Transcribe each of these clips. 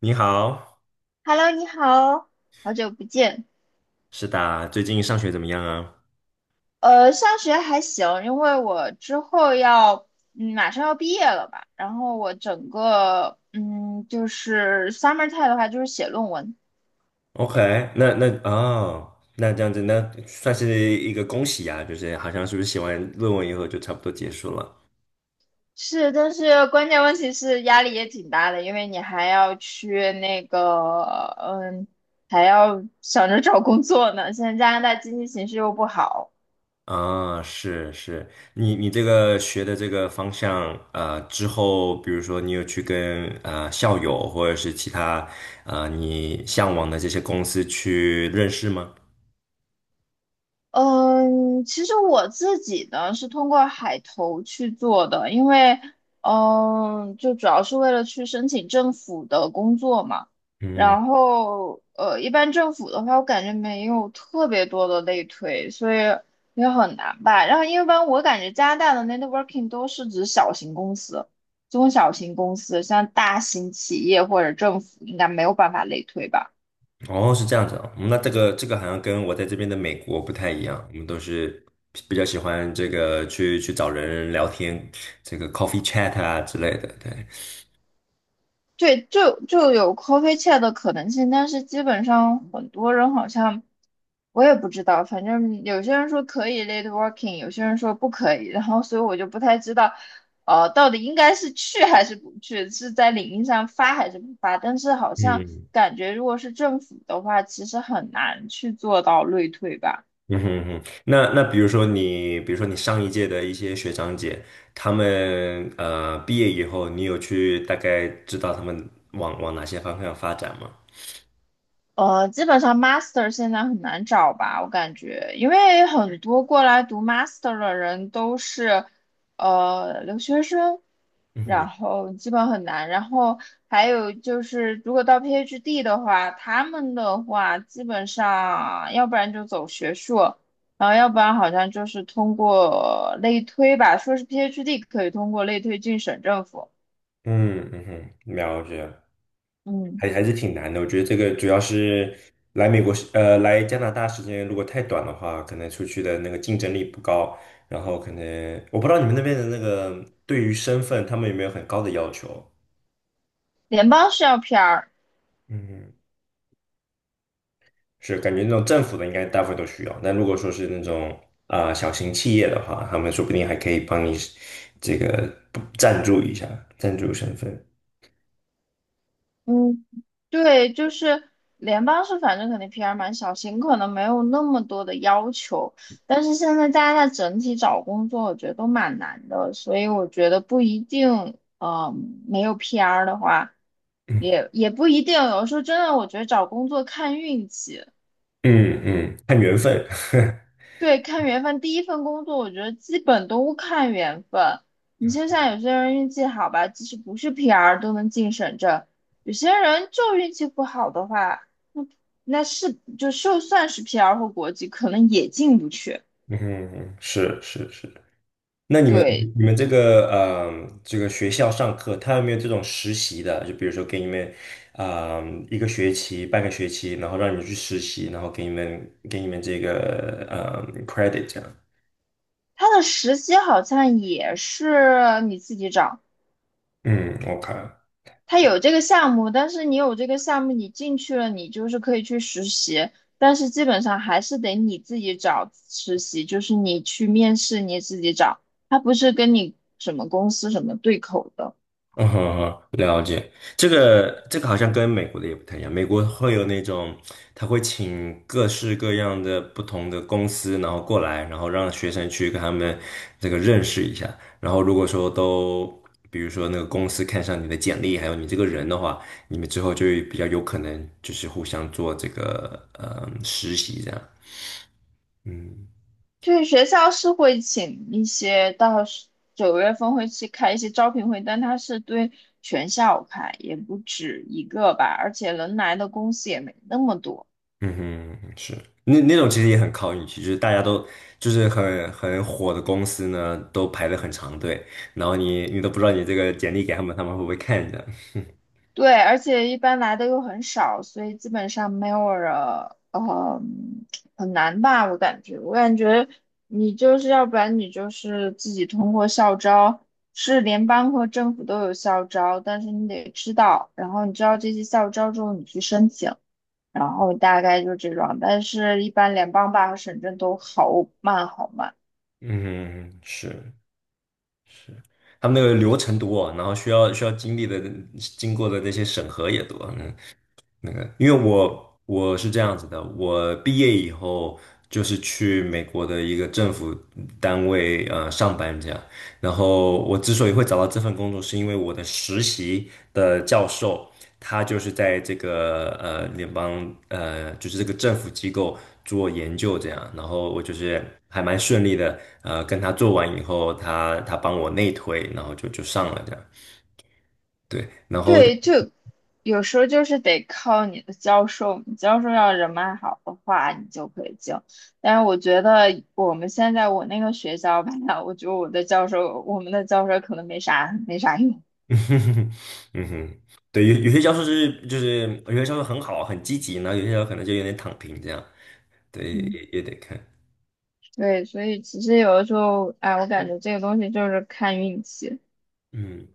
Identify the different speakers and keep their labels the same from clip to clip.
Speaker 1: 你好，
Speaker 2: Hello，你好，好久不见。
Speaker 1: 是的，最近上学怎么样啊
Speaker 2: 上学还行，因为我之后要，马上要毕业了吧。然后我整个，就是 summer time 的话，就是写论文。
Speaker 1: ？OK。那哦，那这样子，那算是一个恭喜啊，就是好像是不是写完论文以后就差不多结束了
Speaker 2: 是，但是关键问题是压力也挺大的，因为你还要去那个，嗯，还要想着找工作呢。现在加拿大经济形势又不好。
Speaker 1: 啊？是是，你这个学的这个方向，啊，之后比如说你有去跟啊校友或者是其他啊你向往的这些公司去认识吗？
Speaker 2: 嗯，其实我自己呢是通过海投去做的，因为就主要是为了去申请政府的工作嘛。
Speaker 1: 嗯。
Speaker 2: 然后一般政府的话，我感觉没有特别多的类推，所以也很难吧。然后一般我感觉加拿大的 networking 都是指小型公司、中小型公司，像大型企业或者政府应该没有办法类推吧。
Speaker 1: 哦，是这样子啊。嗯，那这个好像跟我在这边的美国不太一样，我们都是比较喜欢这个去找人聊天，这个 coffee chat 啊之类的，对。
Speaker 2: 对，就有 coffee chat 的可能性，但是基本上很多人好像我也不知道，反正有些人说可以 lateworking 有些人说不可以，然后所以我就不太知道，到底应该是去还是不去，是在领英上发还是不发？但是好像
Speaker 1: 嗯，
Speaker 2: 感觉如果是政府的话，其实很难去做到类推吧。
Speaker 1: 嗯哼，嗯哼。那比如说你，比如说你上一届的一些学长姐，他们毕业以后，你有去大概知道他们往往哪些方向发展吗？
Speaker 2: 基本上 master 现在很难找吧，我感觉，因为很多过来读 master 的人都是留学生，
Speaker 1: 嗯哼，
Speaker 2: 然后基本很难。然后还有就是，如果到 PhD 的话，他们的话基本上，要不然就走学术，然后要不然好像就是通过类推吧，说是 PhD 可以通过类推进省政府，
Speaker 1: 嗯，嗯哼，了解。
Speaker 2: 嗯，
Speaker 1: 还是挺难的。我觉得这个主要是来美国时，来加拿大时间如果太短的话，可能出去的那个竞争力不高。然后可能我不知道你们那边的那个对于身份，他们有没有很高的要求？
Speaker 2: 联邦是要 PR。
Speaker 1: 嗯，是感觉那种政府的应该大部分都需要。那如果说是那种啊、小型企业的话，他们说不定还可以帮你这个赞助一下，赞助身份。
Speaker 2: 嗯，对，就是联邦是反正肯定 PR 蛮小型，可能没有那么多的要求，但是现在加拿大家在整体找工作我觉得都蛮难的，所以我觉得不一定，没有 PR 的话，也不一定，有时候真的我觉得找工作看运气，
Speaker 1: 嗯嗯，看缘分。
Speaker 2: 对，看缘分。第一份工作，我觉得基本都看缘分。你就像有些人运气好吧，即使不是 PR 都能进省政；有些人就运气不好的话，那那就算是 PR 或国籍，可能也进不去。
Speaker 1: 嗯，是是是。那你们
Speaker 2: 对，
Speaker 1: 你们这个这个学校上课，他有没有这种实习的？就比如说给你们啊、一个学期、半个学期，然后让你们去实习，然后给你们这个credit 这样。
Speaker 2: 他的实习好像也是你自己找。
Speaker 1: 嗯，OK。
Speaker 2: 他有这个项目，但是你有这个项目，你进去了，你就是可以去实习，但是基本上还是得你自己找实习，就是你去面试你自己找，他不是跟你什么公司什么对口的。
Speaker 1: 嗯哼哼。这个好像跟美国的也不太一样，美国会有那种，他会请各式各样的不同的公司，然后过来，然后让学生去跟他们这个认识一下，然后如果说都，比如说那个公司看上你的简历，还有你这个人的话，你们之后就比较有可能就是互相做这个实习这样，嗯。
Speaker 2: 就是学校是会请一些，到时9月份会去开一些招聘会，但他是对全校开，也不止一个吧，而且能来的公司也没那么多。
Speaker 1: 嗯哼，是，那那种其实也很靠运气，就是大家都就是很火的公司呢，都排了很长队，然后你都不知道你这个简历给他们，他们会不会看着？
Speaker 2: 对，而且一般来的又很少，所以基本上没有人，呃，很难吧？我感觉你就是要不然你就是自己通过校招，是联邦和政府都有校招，但是你得知道，然后你知道这些校招之后，你去申请，然后大概就这种，但是一般联邦吧和省政都好慢好慢。
Speaker 1: 嗯，是他们那个流程多，然后需要经历的经过的那些审核也多，嗯。那个，因为我是这样子的，我毕业以后就是去美国的一个政府单位上班这样。然后我之所以会找到这份工作，是因为我的实习的教授他就是在这个联邦就是这个政府机构做研究这样。然后我就是还蛮顺利的，跟他做完以后，他帮我内推，然后就上了这样。对，然后
Speaker 2: 对，就有时候就是得靠你的教授，你教授要人脉好的话，你就可以进。但是我觉得我们现在我那个学校吧，我觉得我们的教授可能没啥没啥用。
Speaker 1: 嗯哼，嗯哼。对，有些教授是就是有些教授很好很积极，然后有些教授可能就有点躺平这样，对，
Speaker 2: 嗯，
Speaker 1: 也得看。
Speaker 2: 对，所以其实有的时候，哎，我感觉这个东西就是看运气。
Speaker 1: 嗯，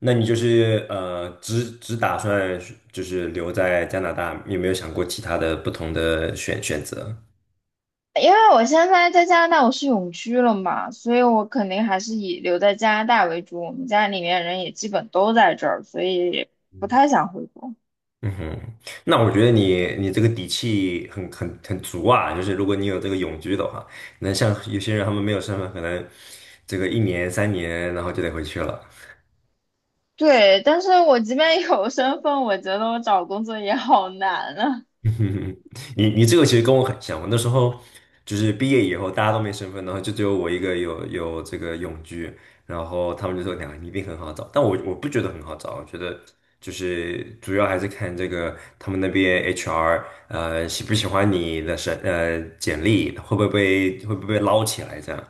Speaker 1: 那你就是只打算是就是留在加拿大，有没有想过其他的不同的选择？
Speaker 2: 因为我现在在加拿大，我是永居了嘛，所以我肯定还是以留在加拿大为主。我们家里面人也基本都在这儿，所以不太想回国。
Speaker 1: 嗯哼，那我觉得你这个底气很很很足啊，就是如果你有这个永居的话，那像有些人他们没有身份，可能这个一年3年，然后就得回去了。
Speaker 2: 对，但是我即便有身份，我觉得我找工作也好难啊。
Speaker 1: 嗯，你这个其实跟我很像，我那时候就是毕业以后大家都没身份，然后就只有我一个有这个永居，然后他们就说2个你一定很好找，但我不觉得很好找，我觉得就是主要还是看这个他们那边 HR 喜不喜欢你的简历，会不会被捞起来这样。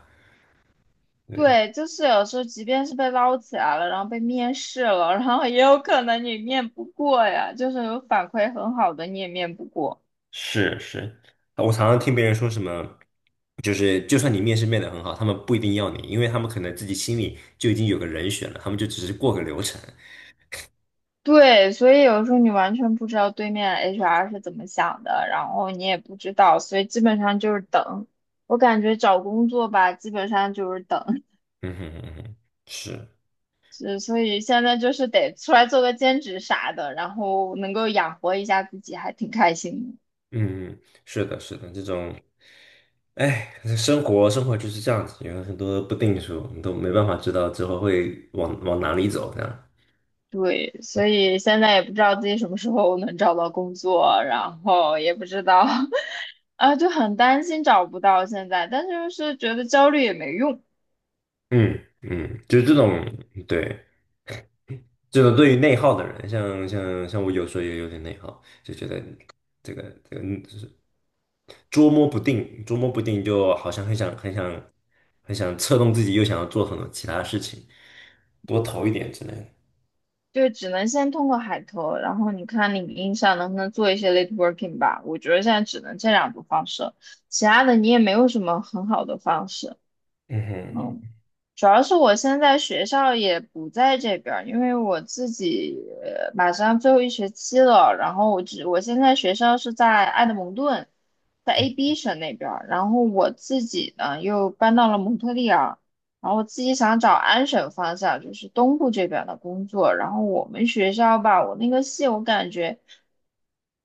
Speaker 1: 对。
Speaker 2: 对，就是有时候即便是被捞起来了，然后被面试了，然后也有可能你面不过呀，就是有反馈很好的你也面不过。
Speaker 1: 是是，我常常听别人说什么，就是就算你面试面的很好，他们不一定要你，因为他们可能自己心里就已经有个人选了，他们就只是过个流程。
Speaker 2: 对，所以有时候你完全不知道对面 HR 是怎么想的，然后你也不知道，所以基本上就是等。我感觉找工作吧，基本上就是等。
Speaker 1: 嗯哼，嗯哼，是，
Speaker 2: 是，所以现在就是得出来做个兼职啥的，然后能够养活一下自己，还挺开心的。
Speaker 1: 嗯，是的，是的，这种，哎，生活生活就是这样子，有很多不定数，你都没办法知道之后会往往哪里走，这样。
Speaker 2: 对，所以现在也不知道自己什么时候能找到工作，然后也不知道，啊，就很担心找不到现在，但是就是觉得焦虑也没用，
Speaker 1: 嗯嗯，就是这种，对，这种对于内耗的人，像我有时候也有点内耗，就觉得这个这个，就是，捉摸不定，捉摸不定，就好像很想很想很想策动自己，又想要做很多其他事情，多投一点之类的。
Speaker 2: 就只能先通过海投，然后你看领英上能不能做一些 late working 吧。我觉得现在只能这两种方式，其他的你也没有什么很好的方式。
Speaker 1: 嗯
Speaker 2: 嗯，
Speaker 1: 哼，
Speaker 2: 主要是我现在学校也不在这边儿，因为我自己马上最后一学期了，然后我现在学校是在埃德蒙顿，在 AB 省那边儿，然后我自己呢又搬到了蒙特利尔，然后我自己想找安省方向，就是东部这边的工作，然后我们学校吧，我那个系我感觉。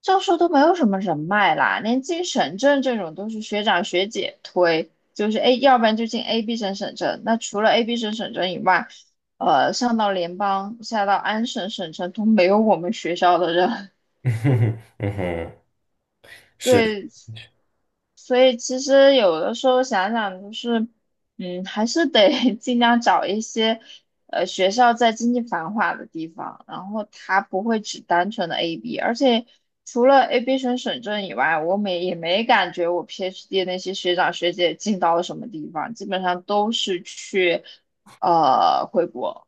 Speaker 2: 教授都没有什么人脉啦，连进省政这种都是学长学姐推，就是 A，要不然就进 A、B 省省政。那除了 A、B 省省政以外，上到联邦，下到安省省城都没有我们学校的人。
Speaker 1: 嗯哼，嗯哼，是，
Speaker 2: 对，所以其实有的时候想想，就是，还是得 尽量找一些，学校在经济繁华的地方，然后它不会只单纯的 AB，而且除了 AB 省省政以外，我没也没感觉我 PhD 那些学长学姐进到了什么地方，基本上都是去，回国，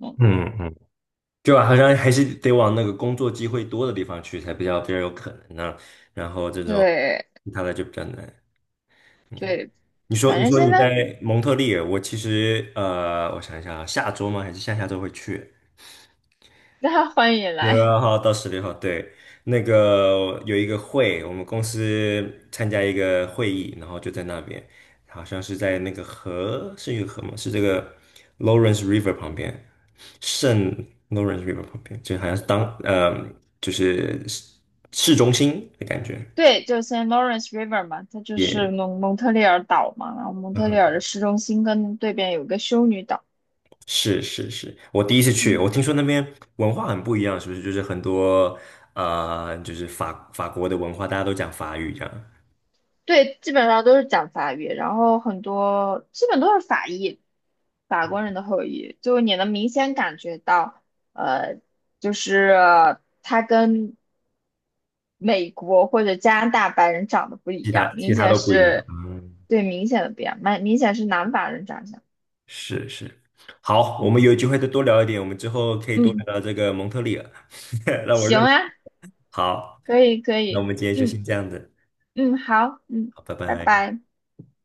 Speaker 2: 嗯，
Speaker 1: 嗯嗯，就好像还是得往那个工作机会多的地方去，才比较有可能呢、然后这种
Speaker 2: 对
Speaker 1: 其他的就比较难。嗯，
Speaker 2: 对，
Speaker 1: 你说
Speaker 2: 反
Speaker 1: 你
Speaker 2: 正
Speaker 1: 说
Speaker 2: 现
Speaker 1: 你
Speaker 2: 在
Speaker 1: 在蒙特利尔，我其实我想一下啊，下周吗？还是下下周会去？
Speaker 2: 大家欢迎
Speaker 1: 十
Speaker 2: 来。
Speaker 1: 二号到十六号，对。那个有一个会，我们公司参加一个会议，然后就在那边，好像是在那个河，是一个河吗？是这个 Lawrence River 旁边，圣 Lawrence River 旁边，就好像是就是市中心的感觉。
Speaker 2: 对，就 Saint Lawrence River 嘛，它就是
Speaker 1: 也、
Speaker 2: 蒙特利尔岛嘛，然后蒙特利尔
Speaker 1: 嗯，
Speaker 2: 的市中心跟对边有个修女岛，
Speaker 1: 是是是，我第一次去，
Speaker 2: 嗯，
Speaker 1: 我听说那边文化很不一样，是不是？就是很多就是法国的文化，大家都讲法语这样。
Speaker 2: 对，基本上都是讲法语，然后很多基本都是法裔，法国人的后裔，就你能明显感觉到，呃，就是他跟美国或者加拿大白人长得不一
Speaker 1: 其他
Speaker 2: 样，
Speaker 1: 其
Speaker 2: 明
Speaker 1: 他
Speaker 2: 显
Speaker 1: 都不一样。
Speaker 2: 是，
Speaker 1: 嗯，
Speaker 2: 对，明显的不一样，蛮明显是南法人长相，
Speaker 1: 是是。好，我们有机会再多聊一点，我们之后可以多聊
Speaker 2: 嗯，
Speaker 1: 聊这个蒙特利尔。让我认
Speaker 2: 行
Speaker 1: 识，
Speaker 2: 啊，
Speaker 1: 好，
Speaker 2: 可以可
Speaker 1: 那我
Speaker 2: 以，
Speaker 1: 们今天就
Speaker 2: 嗯。
Speaker 1: 先这样子。
Speaker 2: 嗯，好，嗯，
Speaker 1: 好，拜
Speaker 2: 拜
Speaker 1: 拜。
Speaker 2: 拜。